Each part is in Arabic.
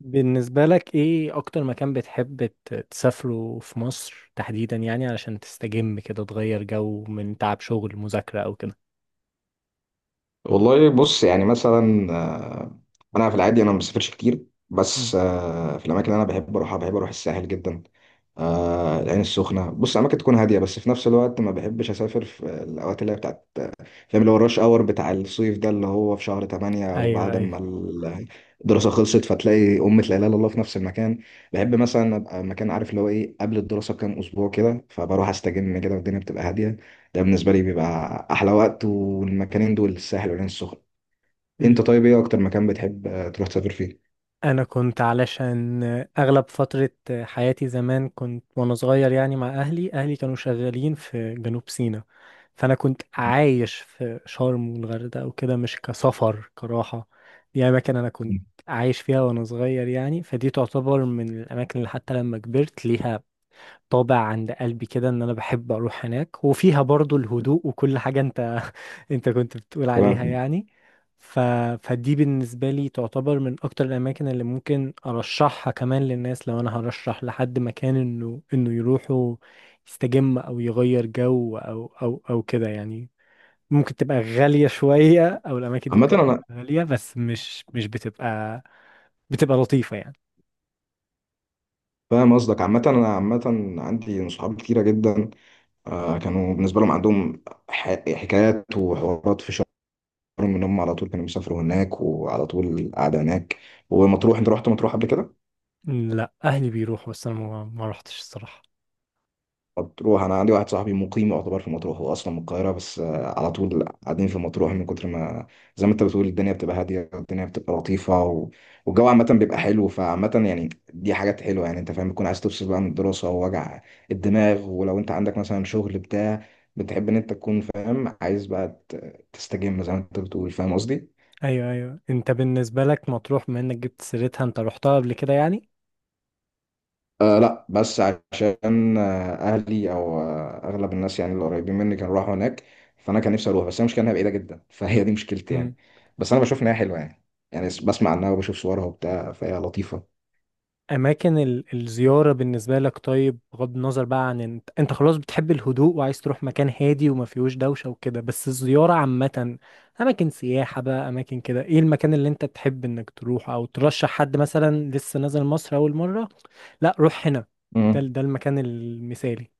بالنسبة لك ايه اكتر مكان بتحب تسافره في مصر تحديدا، يعني علشان تستجم كده، تغير جو من تعب شغل مذاكرة او كده. والله بص يعني مثلا انا في العادي انا ما بسافرش كتير. مم. بس في الاماكن اللي انا بحب اروحها بحب اروح الساحل جدا. العين السخنه بص اماكن تكون هاديه، بس في نفس الوقت ما بحبش اسافر في الاوقات اللي هي بتاعت، فاهم، اللي هو الرش اور بتاع الصيف ده، اللي هو في شهر 8 او ايوه بعد ما ايوه. الدراسه خلصت، فتلاقي امة لا اله الا الله في نفس المكان. بحب مثلا ابقى مكان، عارف اللي هو ايه، قبل الدراسه بكام اسبوع كده، فبروح استجم كده والدنيا بتبقى هاديه. ده بالنسبه لي بيبقى احلى وقت، والمكانين دول الساحل والعين السخنه. ل- انت طيب، ايه اكتر مكان بتحب تروح تسافر فيه؟ انا كنت، علشان اغلب فترة حياتي زمان كنت وانا صغير يعني مع اهلي كانوا شغالين في جنوب سيناء، فانا كنت عايش في شرم والغردقة وكده. مش كسفر كراحة، دي اماكن انا كنت عايش فيها وانا صغير يعني. فدي تعتبر من الاماكن اللي حتى لما كبرت ليها طابع عند قلبي كده، ان انا بحب اروح هناك، وفيها برضو الهدوء وكل حاجة انت انت كنت بتقول عليها تمام. يعني. ف... فدي بالنسبة لي تعتبر من اكتر الاماكن اللي ممكن ارشحها كمان للناس، لو انا هرشح لحد مكان انه يروحوا يستجم او يغير جو او او كده يعني. ممكن تبقى غالية شوية، او الاماكن دي عامة ممكن أنا تبقى غالية، بس مش بتبقى لطيفة يعني. فاهم قصدك. عامة أنا عامة عندي صحاب كتيرة جدا كانوا بالنسبة لهم عندهم حكايات وحوارات في، من هم على طول كانوا بيسافروا هناك وعلى طول قاعدة هناك. ومطروح، انت رحت مطروح قبل كده؟ لا، اهلي بيروحوا، بس انا ما رحتش الصراحة. مطروح انا عندي واحد صاحبي مقيم يعتبر في مطروح، هو اصلا من القاهرة بس على طول قاعدين في مطروح، من كتر ما، زي ما انت بتقول، الدنيا بتبقى هادية، الدنيا بتبقى لطيفة والجو عامة بيبقى حلو. فعامة يعني دي حاجات حلوة يعني، انت فاهم، بتكون عايز تفصل بقى من الدراسة ووجع الدماغ، ولو انت عندك مثلا شغل بتاع، بتحب ان انت تكون فاهم، عايز بقى تستجم زي ما انت بتقول. فاهم قصدي؟ ايوه ايوه. انت بالنسبه لك مطروح، بما انك جبت سيرتها، انت رحتها قبل كده يعني؟ آه لا، بس عشان آه اهلي، او آه اغلب الناس يعني اللي قريبين مني كانوا راحوا هناك، فانا كان نفسي اروح. بس هي المشكله انها بعيده جدا فهي دي مشكلتي امم. يعني. بس انا بشوف انها حلوه يعني، يعني بسمع عنها وبشوف صورها وبتاع، فهي لطيفه. اماكن الزياره بالنسبه لك، طيب بغض النظر بقى عن انت، انت خلاص بتحب الهدوء وعايز تروح مكان هادي وما فيهوش دوشه وكده. بس الزياره عامه، اماكن سياحه بقى، اماكن كده، ايه المكان اللي انت تحب انك تروح او ترشح حد مثلا لسه نازل مصر اول مره؟ لا، روح هنا، ده المكان المثالي.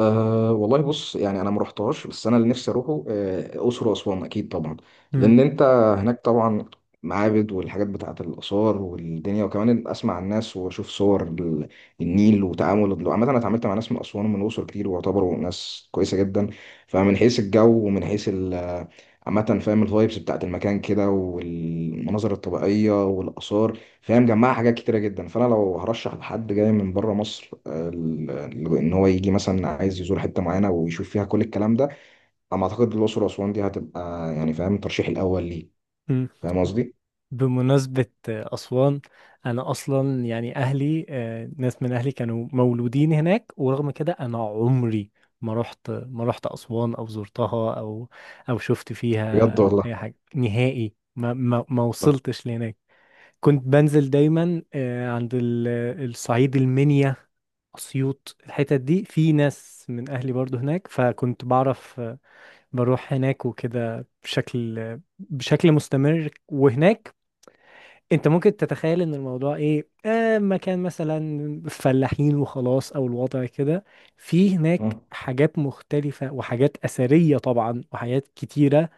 أه والله بص يعني انا ما رحتهاش، بس انا اللي نفسي اروحه اقصر واسوان، اكيد طبعا. لان انت هناك طبعا معابد والحاجات بتاعه الاثار والدنيا، وكمان اسمع الناس واشوف صور النيل. وتعامل عامه، انا اتعاملت مع ناس من اسوان ومن الاقصر كتير، واعتبروا ناس كويسه جدا. فمن حيث الجو ومن حيث عامة فاهم، الفايبس بتاعت المكان كده والمناظر الطبيعية والآثار، فاهم، جمعها حاجات كتيرة جدا. فأنا لو هرشح لحد جاي من بره مصر، ان هو يجي مثلا عايز يزور حته معينه ويشوف فيها كل الكلام ده، انا ما اعتقد الاقصر واسوان دي هتبقى، يعني فاهم، الترشيح الاول ليه. امم. فاهم قصدي؟ بمناسبة أسوان، أنا أصلا يعني أهلي، ناس من أهلي كانوا مولودين هناك، ورغم كده أنا عمري ما رحت أسوان، أو زرتها أو شفت بجد فيها والله. أي حاجة نهائي. ما وصلتش لهناك. كنت بنزل دايما عند الصعيد، المنيا، أسيوط، الحتت دي، في ناس من أهلي برضو هناك، فكنت بعرف بروح هناك وكده بشكل مستمر. وهناك انت ممكن تتخيل ان الموضوع ايه، آه، مكان مثلا فلاحين وخلاص او الوضع كده. في هناك آه. حاجات مختلفة وحاجات أثرية طبعا وحاجات كتيرة،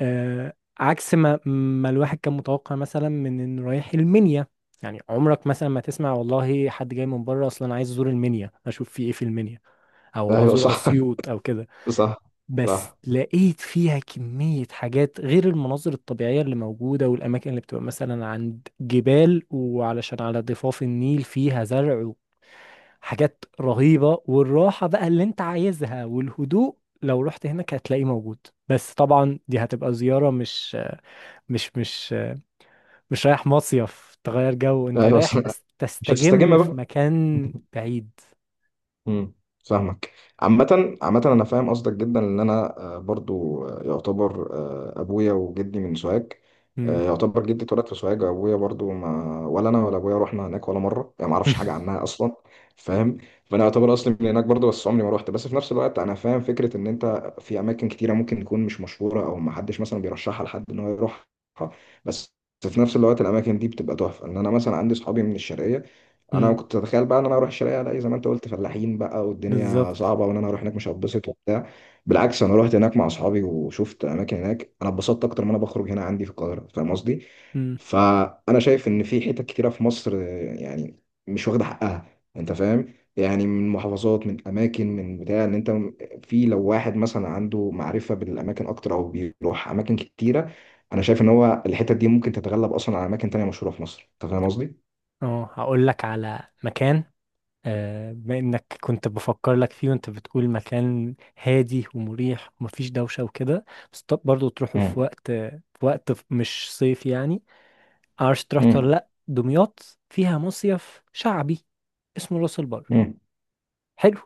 آه، عكس ما الواحد كان متوقع مثلا، من انه رايح المنيا. يعني عمرك مثلا ما تسمع والله حد جاي من بره اصلا عايز ازور المنيا، اشوف في ايه في المنيا او ايوه ازور صح. اسيوط او كده. صح. بس صح لقيت فيها كمية حاجات، غير المناظر الطبيعية اللي موجودة، والأماكن اللي بتبقى مثلا عند جبال وعلشان على ضفاف النيل فيها زرع وحاجات رهيبة. والراحة بقى اللي انت عايزها والهدوء، لو رحت هناك هتلاقيه موجود. بس طبعا دي هتبقى زيارة، مش مش مش رايح مصيف تغير جو، انت ايوه رايح صح. مش هتستجم تستجم في بقى. مكان بعيد. امم. فاهمك. عامة عامة أنا فاهم قصدك جدا، لأن أنا برضو يعتبر أبويا وجدي من سوهاج. مم. يعتبر جدي اتولد في سوهاج، أبويا برضو، ما ولا أنا ولا أبويا رحنا هناك ولا مرة، يعني ما أعرفش حاجة عنها أصلا. فاهم؟ فأنا يعتبر أصلي من هناك برضو، بس عمري ما روحت. بس في نفس الوقت أنا فاهم فكرة إن أنت في أماكن كتيرة ممكن تكون مش مشهورة أو ما حدش مثلا بيرشحها لحد إن هو يروحها، بس في نفس الوقت الأماكن دي بتبقى تحفة. إن أنا مثلا عندي صحابي من الشرقية، انا مم. كنت اتخيل بقى ان انا اروح الشرقية الاقي زي ما انت قلت فلاحين بقى والدنيا بالظبط. صعبه، وان انا اروح هناك مش هتبسط وبتاع. بالعكس، انا رحت هناك مع اصحابي وشفت اماكن هناك انا اتبسطت اكتر ما انا بخرج هنا عندي في القاهره. فاهم قصدي؟ مم. فانا شايف ان في حتت كتيره في مصر يعني مش واخده حقها. انت فاهم يعني، من محافظات، من اماكن، من بتاع، ان انت في لو واحد مثلا عنده معرفه بالاماكن اكتر او بيروح اماكن كتيره، انا شايف ان هو الحتت دي ممكن تتغلب اصلا على اماكن تانية مشهوره في مصر. انت فاهم قصدي؟ اه، هقول لك على مكان، بما انك كنت بفكر لك فيه، وانت بتقول مكان هادي ومريح ومفيش دوشة وكده. بس طب برضه تروحوا في مم. وقت، في وقت مش صيف يعني. معرفش تروح ولا مم. لا، دمياط فيها مصيف شعبي اسمه راس البر، مم. حلو.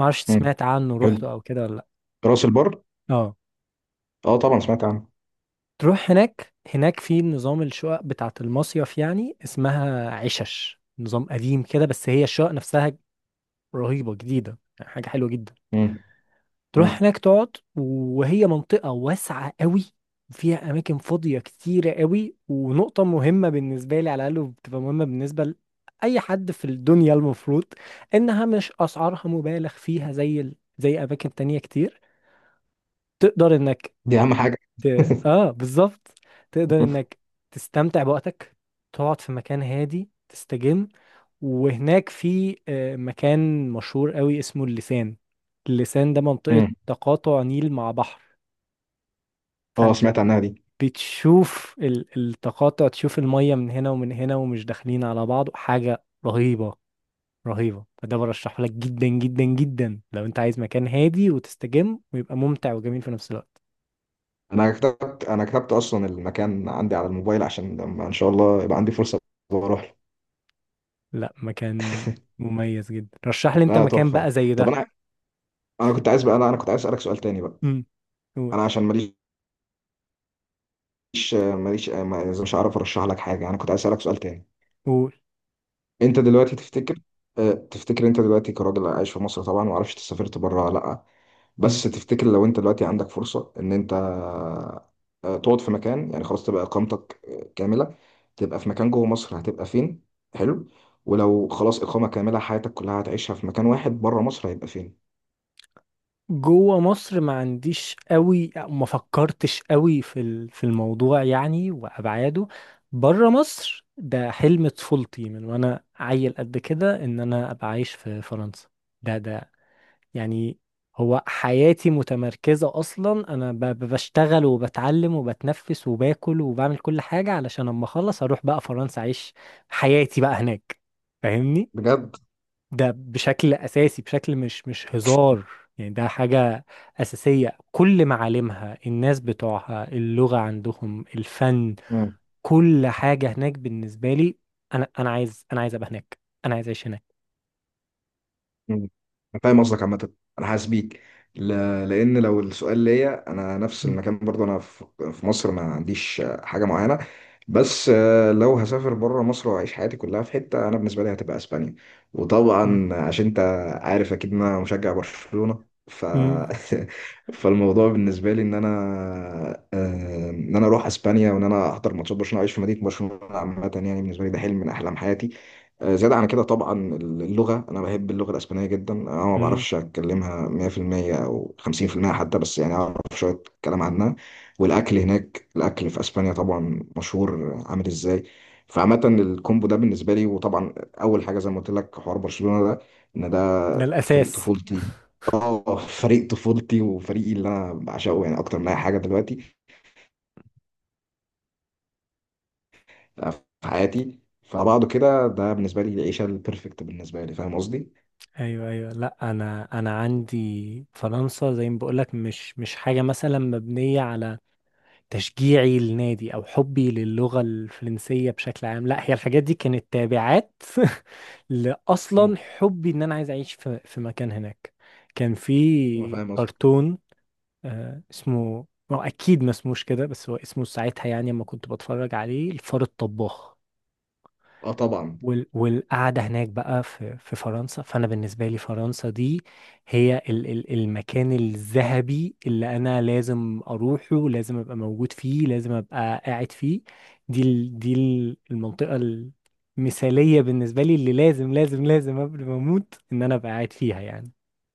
معرفش مم. سمعت عنه، حلو. روحته او كده ولا لا. راس البر؟ اه، اه طبعا سمعت عنه. تروح هناك، هناك في نظام الشقق بتاعة المصيف، يعني اسمها عشش، نظام قديم كده، بس هي الشقق نفسها رهيبة، جديدة يعني، حاجة حلوة جدا. مم. تروح مم. هناك تقعد، وهي منطقة واسعة قوي، فيها أماكن فاضية كتيرة قوي. ونقطة مهمة بالنسبة لي على الأقل، بتبقى مهمة بالنسبة لأي حد في الدنيا المفروض، إنها مش أسعارها مبالغ فيها زي زي أماكن تانية كتير. تقدر إنك دي اهم حاجه. آه، بالظبط، تقدر إنك تستمتع بوقتك، تقعد في مكان هادي تستجم. وهناك في آه، مكان مشهور قوي اسمه اللسان. اللسان ده منطقة مم. تقاطع نيل مع بحر، اه فانت سمعت عنها دي. بتشوف التقاطع، تشوف المية من هنا ومن هنا ومش داخلين على بعض، حاجة رهيبة. فده برشحه لك جدا جدا جدا، لو انت عايز مكان هادي وتستجم ويبقى ممتع وجميل في نفس الوقت. انا كتبت، انا كتبت اصلا المكان عندي على الموبايل عشان لما ان شاء الله يبقى عندي فرصه واروح له. لا، مكان مميز جدا. رشح لي انت لا مكان بقى تحفه. زي طب ده. انا، انا كنت عايز بقى، لا انا كنت عايز امم. قول، اسالك، قول. انت دلوقتي تفتكر، اه تفتكر انت دلوقتي كراجل عايش في مصر طبعا، ومعرفش انت سافرت بره ولا لا، بس تفتكر لو انت دلوقتي عندك فرصة ان انت اه تقعد في مكان، يعني خلاص تبقى اقامتك كاملة، تبقى في مكان جوه مصر، هتبقى فين؟ حلو. ولو خلاص اقامة كاملة حياتك كلها هتعيشها في مكان واحد بره مصر، هيبقى فين؟ جوه مصر ما عنديش قوي، أو ما فكرتش قوي في في الموضوع يعني وابعاده. بره مصر ده حلم طفولتي، من وانا عيل قد كده، ان انا ابقى عايش في فرنسا. ده يعني، هو حياتي متمركزة اصلا، انا بشتغل وبتعلم وبتنفس وباكل وبعمل كل حاجة، علشان اما اخلص اروح بقى فرنسا، اعيش حياتي بقى هناك، فاهمني؟ بجد. ده بشكل اساسي، بشكل مش مش هزار يعني. ده حاجة أساسية، كل معالمها، الناس بتوعها، اللغة عندهم، الفن، كل حاجة هناك بالنسبة لي. أنا عايز، أنا عايز أبقى هناك، أنا عايز أعيش هناك. مم. أنا فاهم قصدك عامة. أنا حاسس بيك. ل... لأن لو السؤال ليا أنا، نفس مم. المكان برضه أنا في مصر ما عنديش حاجة معينة، بس لو هسافر بره مصر وأعيش حياتي كلها في حتة، أنا بالنسبة لي هتبقى أسبانيا. مم. وطبعا عشان أنت عارف أكيد إن أنا مشجع برشلونة مم. فالموضوع بالنسبة لي إن أنا إن أنا أروح أسبانيا وإن أنا أحضر ماتشات برشلونة وأعيش في مدينة برشلونة عامة، يعني بالنسبة لي ده حلم من أحلام حياتي. زيادة عن كده طبعا اللغة، أنا بحب اللغة الأسبانية جدا، أنا ما مم. بعرفش أتكلمها 100% أو 50% حتى، بس يعني أعرف شوية كلام عنها. والأكل هناك، الأكل في أسبانيا طبعا مشهور عامل إزاي. فعامة الكومبو ده بالنسبة لي، وطبعا أول حاجة زي ما قلت لك حوار برشلونة ده، إن ده ده فريق الأساس. طفولتي. اه فريق طفولتي وفريقي اللي أنا بعشقه يعني أكتر من أي حاجة دلوقتي في حياتي. فبعضه كده، ده بالنسبة لي العيشة البرفكت بالنسبة لي. فاهم قصدي؟ أيوه أيوه. لأ، أنا عندي فرنسا زي ما بقولك، مش حاجة مثلا مبنية على تشجيعي للنادي او حبي للغة الفرنسية بشكل عام. لا، هي الحاجات دي كانت تابعات مم. لاصلا حبي ان انا عايز اعيش في في مكان هناك. كان في فاهم. كرتون اسمه، هو اكيد ما اسموش كده، بس هو اسمه ساعتها يعني لما كنت بتفرج عليه، الفار الطباخ. اه طبعا. والقعدة هناك بقى في في فرنسا. فأنا بالنسبة لي فرنسا دي هي المكان الذهبي اللي أنا لازم أروحه، لازم أبقى موجود فيه، لازم أبقى قاعد فيه. المنطقة المثالية بالنسبة لي، اللي لازم لازم لازم قبل ما أموت إن أنا أبقى قاعد فيها يعني.